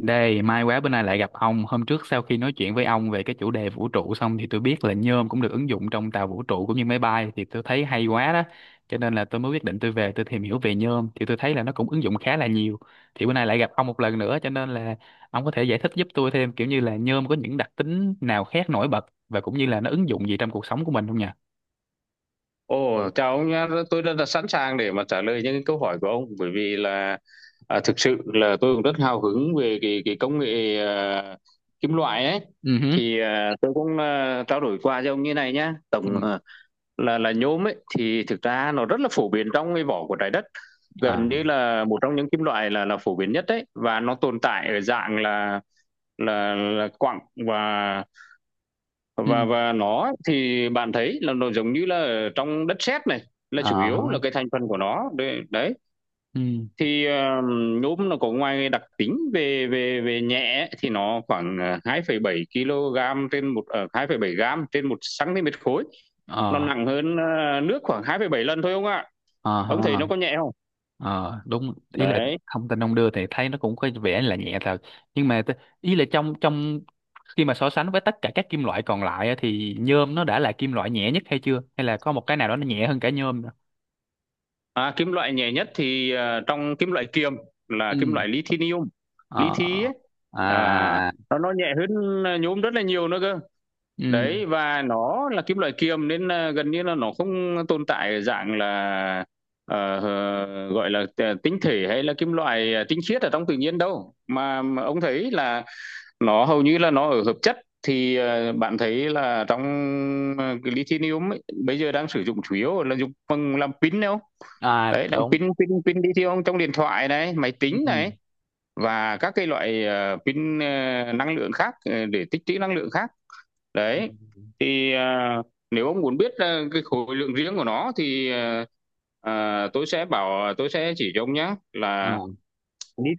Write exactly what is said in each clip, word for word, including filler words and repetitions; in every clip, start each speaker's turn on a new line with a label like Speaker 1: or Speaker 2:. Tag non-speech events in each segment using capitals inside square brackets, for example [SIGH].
Speaker 1: Đây, may quá bữa nay lại gặp ông. Hôm trước sau khi nói chuyện với ông về cái chủ đề vũ trụ xong thì tôi biết là nhôm cũng được ứng dụng trong tàu vũ trụ cũng như máy bay thì tôi thấy hay quá đó. Cho nên là tôi mới quyết định tôi về tôi tìm hiểu về nhôm thì tôi thấy là nó cũng ứng dụng khá là nhiều. Thì bữa nay lại gặp ông một lần nữa cho nên là ông có thể giải thích giúp tôi thêm, kiểu như là nhôm có những đặc tính nào khác nổi bật và cũng như là nó ứng dụng gì trong cuộc sống của mình không nhỉ?
Speaker 2: Ồ, chào ông nhé, tôi rất là sẵn sàng để mà trả lời những cái câu hỏi của ông bởi vì là à, thực sự là tôi cũng rất hào hứng về cái, cái công nghệ à, kim loại ấy
Speaker 1: Ừ hứ.
Speaker 2: thì à, tôi cũng à, trao đổi qua với ông như này nhá tổng
Speaker 1: Ừ.
Speaker 2: à, là là nhôm ấy thì thực ra nó rất là phổ biến trong cái vỏ của trái đất,
Speaker 1: À.
Speaker 2: gần như là một trong những kim loại là là phổ biến nhất đấy, và nó tồn tại ở dạng là là, là quặng. và
Speaker 1: Ừ.
Speaker 2: và và nó thì bạn thấy là nó giống như là ở trong đất sét này là chủ
Speaker 1: Ờ hả.
Speaker 2: yếu là cái thành phần của nó đấy, đấy.
Speaker 1: Ừ.
Speaker 2: thì ờ, Nhôm nó có, ngoài đặc tính về về về nhẹ, thì nó khoảng ờ, hai ờ, hai phẩy bảy ki lô gam kg trên một uh, hai phẩy bảy gram trên một cm khối, nó
Speaker 1: Ờ.
Speaker 2: nặng hơn ờ, nước khoảng hai phẩy bảy lần thôi ông ạ. À,
Speaker 1: Ờ
Speaker 2: ông thấy
Speaker 1: hả.
Speaker 2: nó có nhẹ không,
Speaker 1: Ờ, đúng, ý là
Speaker 2: đấy.
Speaker 1: thông tin ông đưa thì thấy nó cũng có vẻ là nhẹ thật, nhưng mà t- ý là trong trong khi mà so sánh với tất cả các kim loại còn lại á, thì nhôm nó đã là kim loại nhẹ nhất hay chưa, hay là có một cái nào đó nó nhẹ hơn cả nhôm nữa.
Speaker 2: À, kim loại nhẹ nhất thì ờ, trong kim loại kiềm là
Speaker 1: Ừ.
Speaker 2: kim loại lithium.
Speaker 1: Ờ
Speaker 2: Lithium
Speaker 1: ờ.
Speaker 2: ấy,
Speaker 1: À,
Speaker 2: à,
Speaker 1: à, à.
Speaker 2: nó nó nhẹ hơn nhôm rất là nhiều nữa cơ.
Speaker 1: Ừ.
Speaker 2: Đấy, và nó là kim loại kiềm nên ờ, gần như là nó không tồn tại dạng là, ờ, ờ, gọi là t tinh thể hay là kim loại, à, tinh khiết ở trong tự nhiên đâu. Mà mà ông thấy là nó hầu như là nó ở hợp chất. Thì, ờ, bạn thấy là trong, ờ, cái lithium ấy, bây giờ đang sử dụng chủ yếu là dùng bằng làm pin đâu.
Speaker 1: À,
Speaker 2: Đấy, làm
Speaker 1: đúng.
Speaker 2: pin pin pin lithium trong điện thoại này, máy
Speaker 1: Ừ.
Speaker 2: tính này, và các cái loại ờ, pin, ờ, năng lượng khác, ờ, để tích trữ năng lượng khác,
Speaker 1: Ừ.
Speaker 2: đấy. thì à, Nếu ông muốn biết à, cái khối lượng riêng của nó thì à, à, tôi sẽ bảo tôi sẽ chỉ cho ông nhé
Speaker 1: Ờ.
Speaker 2: là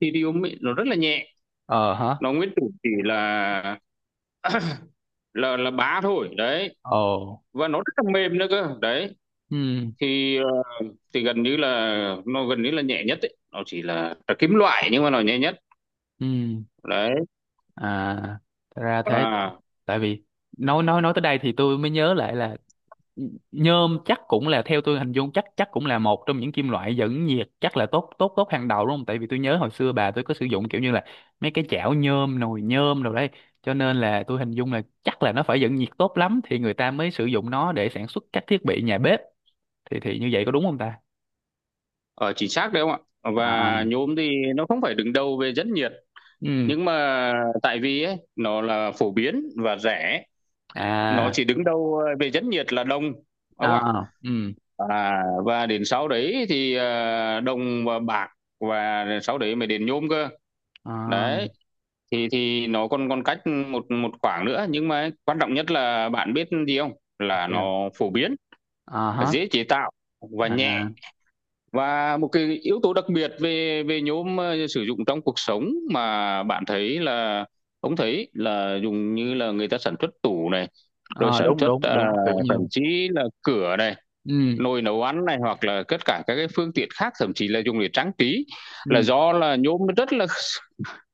Speaker 2: lithium ấy, nó rất là nhẹ,
Speaker 1: Ờ hả.
Speaker 2: nó nguyên tử chỉ là [COUGHS] là là bá thôi đấy,
Speaker 1: Ồ.
Speaker 2: và nó rất là mềm nữa cơ đấy.
Speaker 1: Ừ.
Speaker 2: Thì ờ, thì Gần như là nó gần như là nhẹ nhất ấy. Nó chỉ là, là kim loại nhưng mà nó nhẹ nhất,
Speaker 1: Ừ.
Speaker 2: đấy.
Speaker 1: À, thật ra thế.
Speaker 2: à,
Speaker 1: Tại vì nói nói nói tới đây thì tôi mới nhớ lại là, nhôm chắc cũng là, theo tôi hình dung, chắc chắc cũng là một trong những kim loại dẫn nhiệt chắc là tốt tốt tốt hàng đầu, đúng không? Tại vì tôi nhớ hồi xưa bà tôi có sử dụng kiểu như là mấy cái chảo nhôm, nồi nhôm rồi đấy, cho nên là tôi hình dung là chắc là nó phải dẫn nhiệt tốt lắm thì người ta mới sử dụng nó để sản xuất các thiết bị nhà bếp, thì thì như vậy có đúng không ta?
Speaker 2: Ở chính xác đấy không ạ, và
Speaker 1: À.
Speaker 2: nhôm thì nó không phải đứng đầu về rất nhiều,
Speaker 1: Ừ.
Speaker 2: nhưng mà tại vì ấy, nó là phổ biến và rẻ. Nó
Speaker 1: À.
Speaker 2: chỉ đứng đâu ờ, về dẫn nhiệt là đồng, ông ạ.
Speaker 1: À. Ừ.
Speaker 2: À, và đến sau đấy thì ờ, đồng và bạc, và sau đấy mới đến nhôm cơ,
Speaker 1: À,
Speaker 2: đấy. Thì thì nó còn còn cách một một khoảng nữa, nhưng mà quan trọng nhất là bạn biết gì không, là
Speaker 1: sao?
Speaker 2: nó phổ biến,
Speaker 1: À hả.
Speaker 2: dễ chế tạo, và nhẹ.
Speaker 1: À,
Speaker 2: Và một cái yếu tố đặc biệt về về nhôm, uh, sử dụng trong cuộc sống mà bạn thấy là ông thấy là dùng như là người ta sản xuất tủ này, rồi
Speaker 1: à
Speaker 2: sản
Speaker 1: đúng
Speaker 2: xuất uh,
Speaker 1: đúng đúng, tủ
Speaker 2: thậm
Speaker 1: nhôm.
Speaker 2: chí là cửa này,
Speaker 1: Ừ.
Speaker 2: nồi nấu ăn này, hoặc là tất cả các cái phương tiện khác, thậm chí là dùng để trang trí, là
Speaker 1: Ừ.
Speaker 2: do là nhôm nó rất là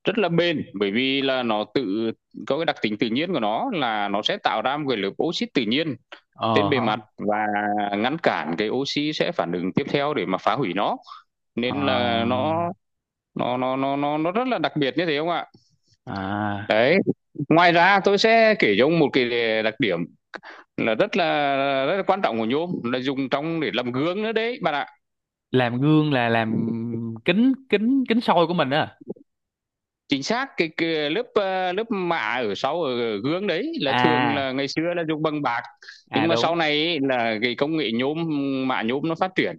Speaker 2: rất là bền, bởi vì là nó tự có cái đặc tính tự nhiên của nó là nó sẽ tạo ra một cái lớp oxit tự nhiên
Speaker 1: Ờ
Speaker 2: trên bề
Speaker 1: hả.
Speaker 2: mặt và ngăn cản cái oxy sẽ phản ứng tiếp theo để mà phá hủy nó, nên là nó nó nó nó nó nó rất là đặc biệt như thế không ạ,
Speaker 1: À. À.
Speaker 2: đấy. Ngoài ra tôi sẽ kể cho ông một cái đặc điểm là rất là rất là quan trọng của nhôm, là dùng trong để làm gương nữa đấy bạn ạ.
Speaker 1: Làm gương là làm kính kính kính soi của mình á?
Speaker 2: Chính xác, cái, cái lớp ờ, lớp mạ ở sau ở gương đấy là thường
Speaker 1: À.
Speaker 2: là ngày xưa là dùng bằng bạc,
Speaker 1: À,
Speaker 2: nhưng mà
Speaker 1: đúng.
Speaker 2: sau này ý, là cái công nghệ nhôm, mạ nhôm nó phát triển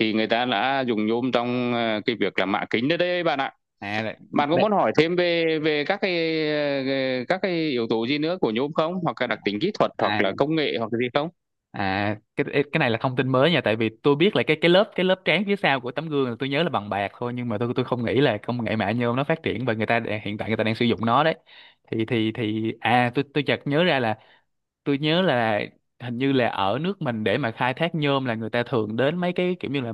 Speaker 2: thì người ta đã dùng nhôm trong ờ, cái việc là mạ kính đấy đấy bạn ạ.
Speaker 1: À.
Speaker 2: Bạn có
Speaker 1: đ-
Speaker 2: muốn hỏi thêm về về các cái, ờ, các cái yếu tố gì nữa của nhôm không? Hoặc là đặc tính kỹ thuật hoặc
Speaker 1: À,
Speaker 2: là công nghệ hoặc là gì không?
Speaker 1: à, cái cái này là thông tin mới nha, tại vì tôi biết là cái cái lớp cái lớp trán phía sau của tấm gương là tôi nhớ là bằng bạc thôi, nhưng mà tôi tôi không nghĩ là công nghệ mạng nhôm nó phát triển và người ta đã- hiện tại người ta đang sử dụng nó đấy. Thì thì thì à tôi tôi chợt nhớ ra là, tôi nhớ là hình như là ở nước mình, để mà khai thác nhôm là người ta thường đến mấy cái kiểu như là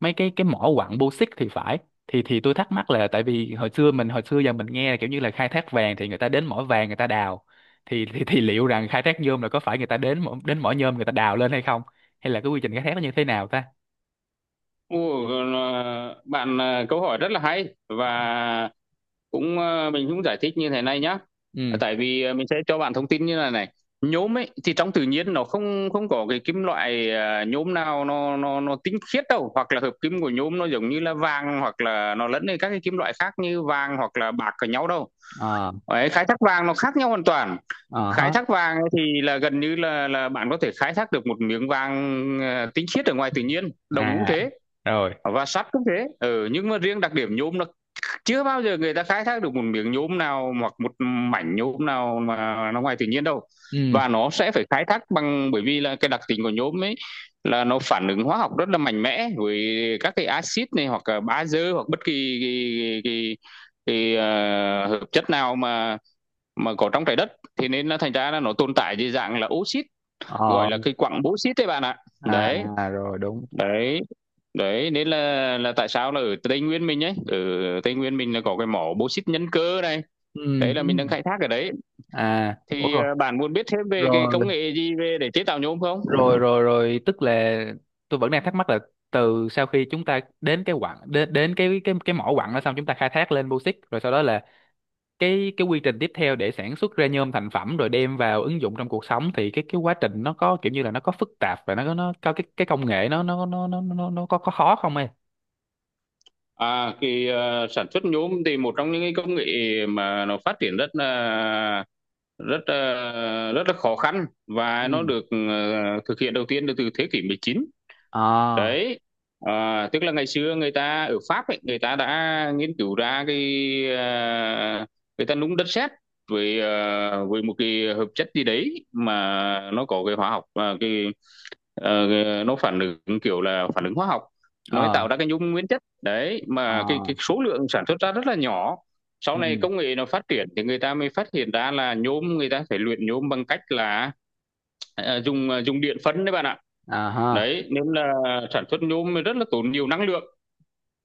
Speaker 1: mấy cái cái mỏ quặng bô xít thì phải. Thì thì tôi thắc mắc là, tại vì hồi xưa mình hồi xưa giờ mình nghe là kiểu như là khai thác vàng thì người ta đến mỏ vàng người ta đào, thì thì, thì liệu rằng khai thác nhôm là có phải người ta đến mỏ, đến mỏ nhôm người ta đào lên hay không, hay là cái quy trình khai thác nó như thế nào ta?
Speaker 2: Ồ, ờ, bạn, à, câu hỏi rất là hay, và cũng, ơ, mình cũng giải thích như thế này nhá. À,
Speaker 1: Ừ.
Speaker 2: tại vì, à, mình sẽ cho bạn thông tin như là này, nhôm ấy thì trong tự nhiên nó không không có cái kim loại, à, nhôm nào nó nó nó tinh khiết đâu, hoặc là hợp kim của nhôm nó giống như là vàng, hoặc là nó lẫn với các cái kim loại khác như vàng hoặc là bạc ở nhau đâu.
Speaker 1: Ờ.
Speaker 2: Ấy, khai thác vàng nó khác nhau hoàn toàn.
Speaker 1: Ờ
Speaker 2: Khai
Speaker 1: hết.
Speaker 2: thác vàng thì là gần như là là bạn có thể khai thác được một miếng vàng à, tinh khiết ở ngoài tự nhiên, đồng cũng
Speaker 1: À,
Speaker 2: thế,
Speaker 1: rồi.
Speaker 2: và sắt cũng thế, ừ, nhưng mà riêng đặc điểm nhôm là chưa bao giờ người ta khai thác được một miếng nhôm nào hoặc một mảnh nhôm nào mà nó ngoài tự nhiên đâu.
Speaker 1: Ừ.
Speaker 2: Và nó sẽ phải khai thác bằng, bởi vì là cái đặc tính của nhôm ấy là nó phản ứng hóa học rất là mạnh mẽ với các cái axit này, hoặc là bazơ, hoặc bất kỳ cái, cái, cái, cái, uh, hợp chất nào mà mà có trong trái đất, thì nên nó thành ra là nó tồn tại dưới dạng là oxit, gọi
Speaker 1: Ờ.
Speaker 2: là cái quặng bauxit đấy bạn ạ.
Speaker 1: À.
Speaker 2: Đấy
Speaker 1: À, rồi đúng.
Speaker 2: đấy Đấy nên là là tại sao là ở Tây Nguyên mình ấy, ở Tây Nguyên mình là có cái mỏ bauxit Nhân Cơ này,
Speaker 1: Ừ.
Speaker 2: đấy là mình đang
Speaker 1: Ừ.
Speaker 2: khai thác ở đấy.
Speaker 1: À, ủa
Speaker 2: Thì
Speaker 1: rồi.
Speaker 2: ờ, bạn muốn biết thêm về cái
Speaker 1: Rồi
Speaker 2: công nghệ gì về để chế tạo nhôm không?
Speaker 1: rồi rồi rồi, tức là tôi vẫn đang thắc mắc là, từ sau khi chúng ta đến cái quặng đến đến cái cái cái mỏ quặng đó xong, chúng ta khai thác lên bauxit rồi sau đó là cái cái quy trình tiếp theo để sản xuất ra nhôm thành phẩm rồi đem vào ứng dụng trong cuộc sống, thì cái cái quá trình nó có kiểu như là nó có phức tạp, và nó có nó có cái cái công nghệ nó nó nó nó nó, nó có có khó không em?
Speaker 2: À cái ờ, sản xuất nhôm thì một trong những cái công nghệ mà nó phát triển rất là rất là- rất là khó khăn, và nó
Speaker 1: Ừ.
Speaker 2: được ờ, thực hiện đầu tiên từ thế kỷ mười chín,
Speaker 1: À.
Speaker 2: đấy. À, tức là ngày xưa người ta ở Pháp ấy, người ta đã nghiên cứu ra cái à, người ta nung đất sét với à, với một cái hợp chất gì đấy mà nó có cái hóa học và cái ờ, nó phản ứng kiểu là phản ứng hóa học, nó
Speaker 1: À.
Speaker 2: tạo ra cái nhung nguyên chất đấy, mà cái
Speaker 1: À.
Speaker 2: cái số lượng sản xuất ra rất là nhỏ. Sau
Speaker 1: Ừ.
Speaker 2: này công nghệ nó phát triển thì người ta mới phát hiện ra là nhôm người ta phải luyện nhôm bằng cách là ờ, dùng uh, dùng điện phân đấy bạn ạ.
Speaker 1: À ha.
Speaker 2: Đấy, nên là sản xuất nhôm rất là tốn nhiều năng lượng.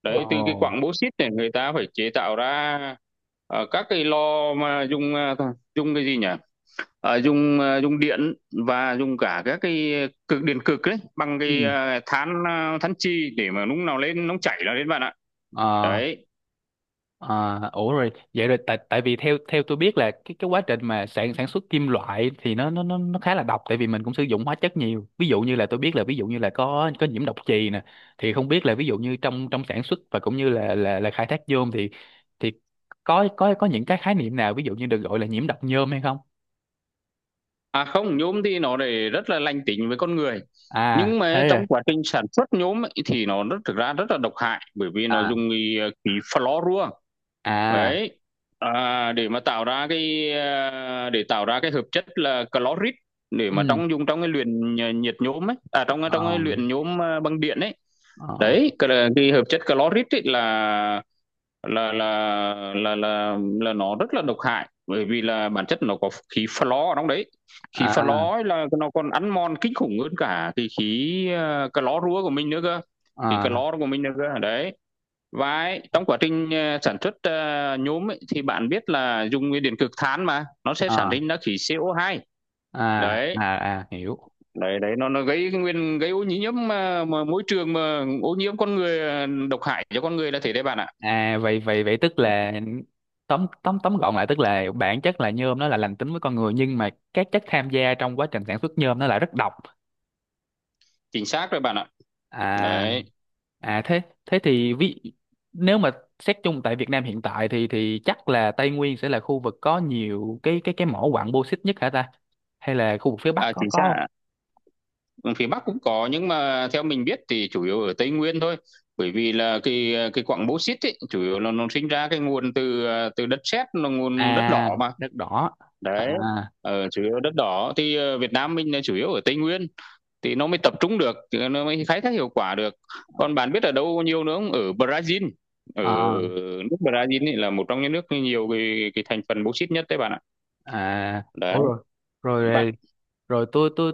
Speaker 2: Đấy, từ cái
Speaker 1: Ồ.
Speaker 2: quặng bô xít này người ta phải chế tạo ra ờ, các cái lò mà dùng ờ, dùng cái gì nhỉ? Ờ, dùng ờ, dùng điện, và dùng cả các cái cực, điện cực đấy, bằng cái
Speaker 1: Ừ.
Speaker 2: ờ, than, ờ, than chì, để mà lúc nào lên nóng chảy là lên bạn ạ.
Speaker 1: À.
Speaker 2: Đấy.
Speaker 1: À, ủa rồi, vậy rồi, tại tại vì theo theo tôi biết là cái cái quá trình mà sản sản xuất kim loại thì nó nó nó nó khá là độc, tại vì mình cũng sử dụng hóa chất nhiều, ví dụ như là tôi biết là, ví dụ như là có có nhiễm độc chì nè, thì không biết là ví dụ như trong trong sản xuất và cũng như là là là khai thác nhôm thì thì có có có những cái khái niệm nào ví dụ như được gọi là nhiễm độc nhôm hay không?
Speaker 2: À không, nhôm thì nó để rất là lành tính với con người.
Speaker 1: À,
Speaker 2: Nhưng mà
Speaker 1: thế à?
Speaker 2: trong quá trình sản xuất nhôm ấy, thì nó rất thực ra rất là độc hại, bởi vì nó
Speaker 1: À.
Speaker 2: dùng cái, ờ, khí fluorua,
Speaker 1: À.
Speaker 2: đấy. À, để mà tạo ra cái à, để tạo ra cái hợp chất là clorit, để mà
Speaker 1: Ừ.
Speaker 2: trong dùng trong cái luyện nhiệt nhôm ấy, à, trong
Speaker 1: Ờ.
Speaker 2: trong cái luyện nhôm à, bằng điện ấy,
Speaker 1: Ờ.
Speaker 2: đấy. Cái, cái hợp chất clorit ấy là là là là là là nó rất là độc hại, bởi vì là bản chất nó có khí flo ở trong đấy. Khí flo ấy là nó còn ăn mòn kinh khủng hơn cả cái khí à, clo rúa của mình nữa cơ, khí
Speaker 1: À. À.
Speaker 2: clo của mình nữa cơ, đấy. Và trong quá trình ờ, sản xuất ờ, nhôm ấy, thì bạn biết là dùng nguyên điện cực than mà nó sẽ sản
Speaker 1: À.
Speaker 2: sinh ra khí C O hai,
Speaker 1: À.
Speaker 2: đấy.
Speaker 1: À, à, hiểu.
Speaker 2: Đấy đấy Nó nó gây nguyên gây ô nhiễm mà, mà môi trường, mà ô nhiễm con người, ờ, độc hại cho con người là thế đấy bạn ạ.
Speaker 1: À, vậy, vậy vậy tức là, tóm tóm tóm gọn lại, tức là bản chất là nhôm nó là lành tính với con người, nhưng mà các chất tham gia trong quá trình sản xuất nhôm nó lại rất độc.
Speaker 2: Chính xác rồi bạn ạ,
Speaker 1: À.
Speaker 2: đấy.
Speaker 1: À, thế thế thì ví nếu mà xét chung tại Việt Nam hiện tại thì thì chắc là Tây Nguyên sẽ là khu vực có nhiều cái cái cái mỏ quặng bauxit nhất hả ta? Hay là khu vực phía Bắc
Speaker 2: À,
Speaker 1: có
Speaker 2: chính
Speaker 1: có không?
Speaker 2: xác, phía Bắc cũng có nhưng mà theo mình biết thì chủ yếu ở Tây Nguyên thôi, bởi vì là cái cái quặng bauxit ấy, chủ yếu là nó sinh ra cái nguồn từ ờ, từ đất sét là nguồn đất
Speaker 1: À,
Speaker 2: đỏ mà,
Speaker 1: đất đỏ. À.
Speaker 2: đấy. Ờ, chủ yếu đất đỏ thì ờ, Việt Nam mình là chủ yếu ở Tây Nguyên, thì nó mới tập trung được, nó mới khai thác hiệu quả được. Còn bạn biết ở đâu nhiều nữa không? Ở Brazil, ở
Speaker 1: À.
Speaker 2: nước Brazil ấy, là một trong những nước nhiều cái, cái thành phần bauxit nhất đấy bạn ạ.
Speaker 1: À,
Speaker 2: Đấy
Speaker 1: ủa rồi.
Speaker 2: bạn.
Speaker 1: Rồi. Rồi, tôi tôi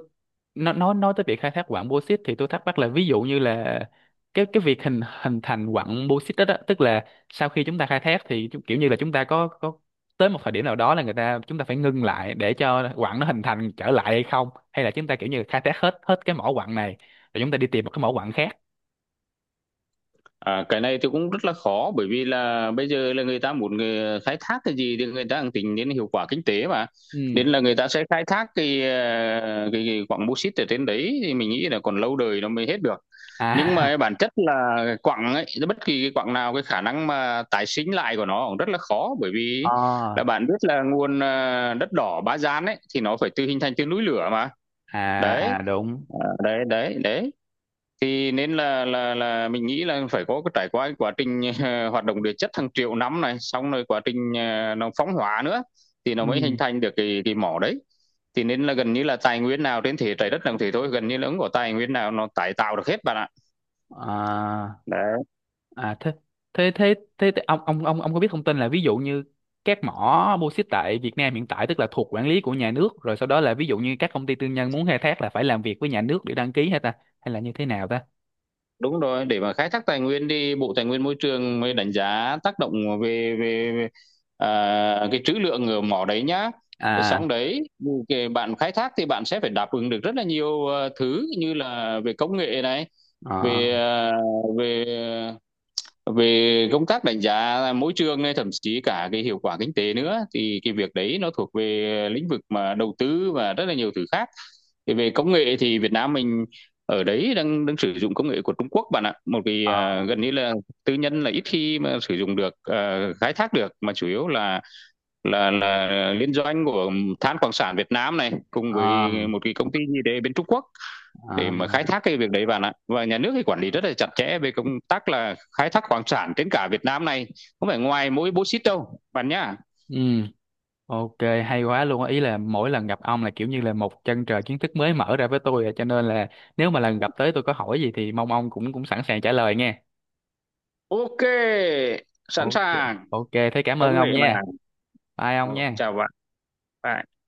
Speaker 1: nó nói nói tới việc khai thác quặng bauxit thì tôi thắc mắc là, ví dụ như là cái cái việc hình hình thành quặng bauxit đó, đó tức là, sau khi chúng ta khai thác thì chu- kiểu như là chúng ta có có tới một thời điểm nào đó là người ta, chúng ta phải ngưng lại để cho quặng nó hình thành trở lại hay không, hay là chúng ta kiểu như khai thác hết hết cái mỏ quặng này rồi chúng ta đi tìm một cái mỏ quặng khác.
Speaker 2: À, cái này thì cũng rất là khó, bởi vì là bây giờ là người ta muốn người khai thác cái gì thì người ta cũng tính đến hiệu quả kinh tế mà,
Speaker 1: Ừ.
Speaker 2: nên là người ta sẽ khai thác cái ờ, cái, cái quặng bô xít ở trên đấy, thì mình nghĩ là còn lâu đời nó mới hết được. Nhưng
Speaker 1: À.
Speaker 2: mà bản chất là quặng ấy, bất kỳ cái quặng nào, cái khả năng mà tái sinh lại của nó cũng rất là khó, bởi
Speaker 1: [LAUGHS]
Speaker 2: vì là
Speaker 1: À.
Speaker 2: bạn biết là nguồn ờ, đất đỏ Ba Gian ấy, thì nó phải tự hình thành từ núi lửa mà,
Speaker 1: À,
Speaker 2: đấy.
Speaker 1: à đúng.
Speaker 2: À, đấy đấy đấy thì nên là là là mình nghĩ là phải có cái trải qua cái quá trình [LAUGHS] uh, hoạt động địa chất hàng triệu năm này, xong rồi quá trình ờ, nó phóng hóa nữa, thì nó
Speaker 1: Ừ.
Speaker 2: mới hình thành được cái cái mỏ đấy. Thì nên là gần như là tài nguyên nào trên thế trái đất làm thế thôi, gần như là không có tài nguyên nào nó tái tạo được hết bạn ạ,
Speaker 1: À.
Speaker 2: đấy.
Speaker 1: À, thế thế thế thế, thế ông ông ông ông có biết thông tin là, ví dụ như các mỏ bô xít tại Việt Nam hiện tại tức là thuộc quản lý của nhà nước, rồi sau đó là ví dụ như các công ty tư nhân muốn khai thác là phải làm việc với nhà nước để đăng ký hay ta, hay là như thế nào ta?
Speaker 2: Đúng rồi, để mà khai thác tài nguyên thì Bộ Tài nguyên Môi trường mới đánh giá tác động về về, về à, cái trữ lượng ở mỏ đấy nhá.
Speaker 1: À.
Speaker 2: Xong đấy, cái bạn khai thác thì bạn sẽ phải đáp ứng được rất là nhiều ờ, thứ, như là về công nghệ này,
Speaker 1: Ờ.
Speaker 2: về ờ, về về công tác đánh giá mỗi trường, thậm chí cả cái hiệu quả kinh tế nữa, thì cái việc đấy nó thuộc về lĩnh vực mà đầu tư và rất là nhiều thứ khác. Thì về công nghệ thì Việt Nam mình ở đấy đang đang sử dụng công nghệ của Trung Quốc bạn ạ, một cái
Speaker 1: Ờ.
Speaker 2: à, gần như là tư nhân là ít khi mà sử dụng được, à, khai thác được, mà chủ yếu là là là liên doanh của Than Khoáng sản Việt Nam này cùng
Speaker 1: Ờ.
Speaker 2: với một cái công ty gì đấy bên Trung Quốc,
Speaker 1: Ờ.
Speaker 2: để mà khai thác cái việc đấy bạn ạ. Và nhà nước thì quản lý rất là chặt chẽ về công tác là khai thác khoáng sản trên cả Việt Nam này, không phải ngoài mỗi bố xít đâu bạn nhá.
Speaker 1: Ừ. Ok, hay quá luôn á. Ý là mỗi lần gặp ông là kiểu như là một chân trời kiến thức mới mở ra với tôi à, cho nên là nếu mà lần gặp tới tôi có hỏi gì thì mong ông cũng cũng sẵn sàng trả lời nghe.
Speaker 2: Ok, sẵn
Speaker 1: Ok,
Speaker 2: sàng.
Speaker 1: ok, thế cảm ơn
Speaker 2: Công
Speaker 1: ông
Speaker 2: nghệ
Speaker 1: nha.
Speaker 2: mà.
Speaker 1: Bye ông nha.
Speaker 2: Chào bạn. Bye.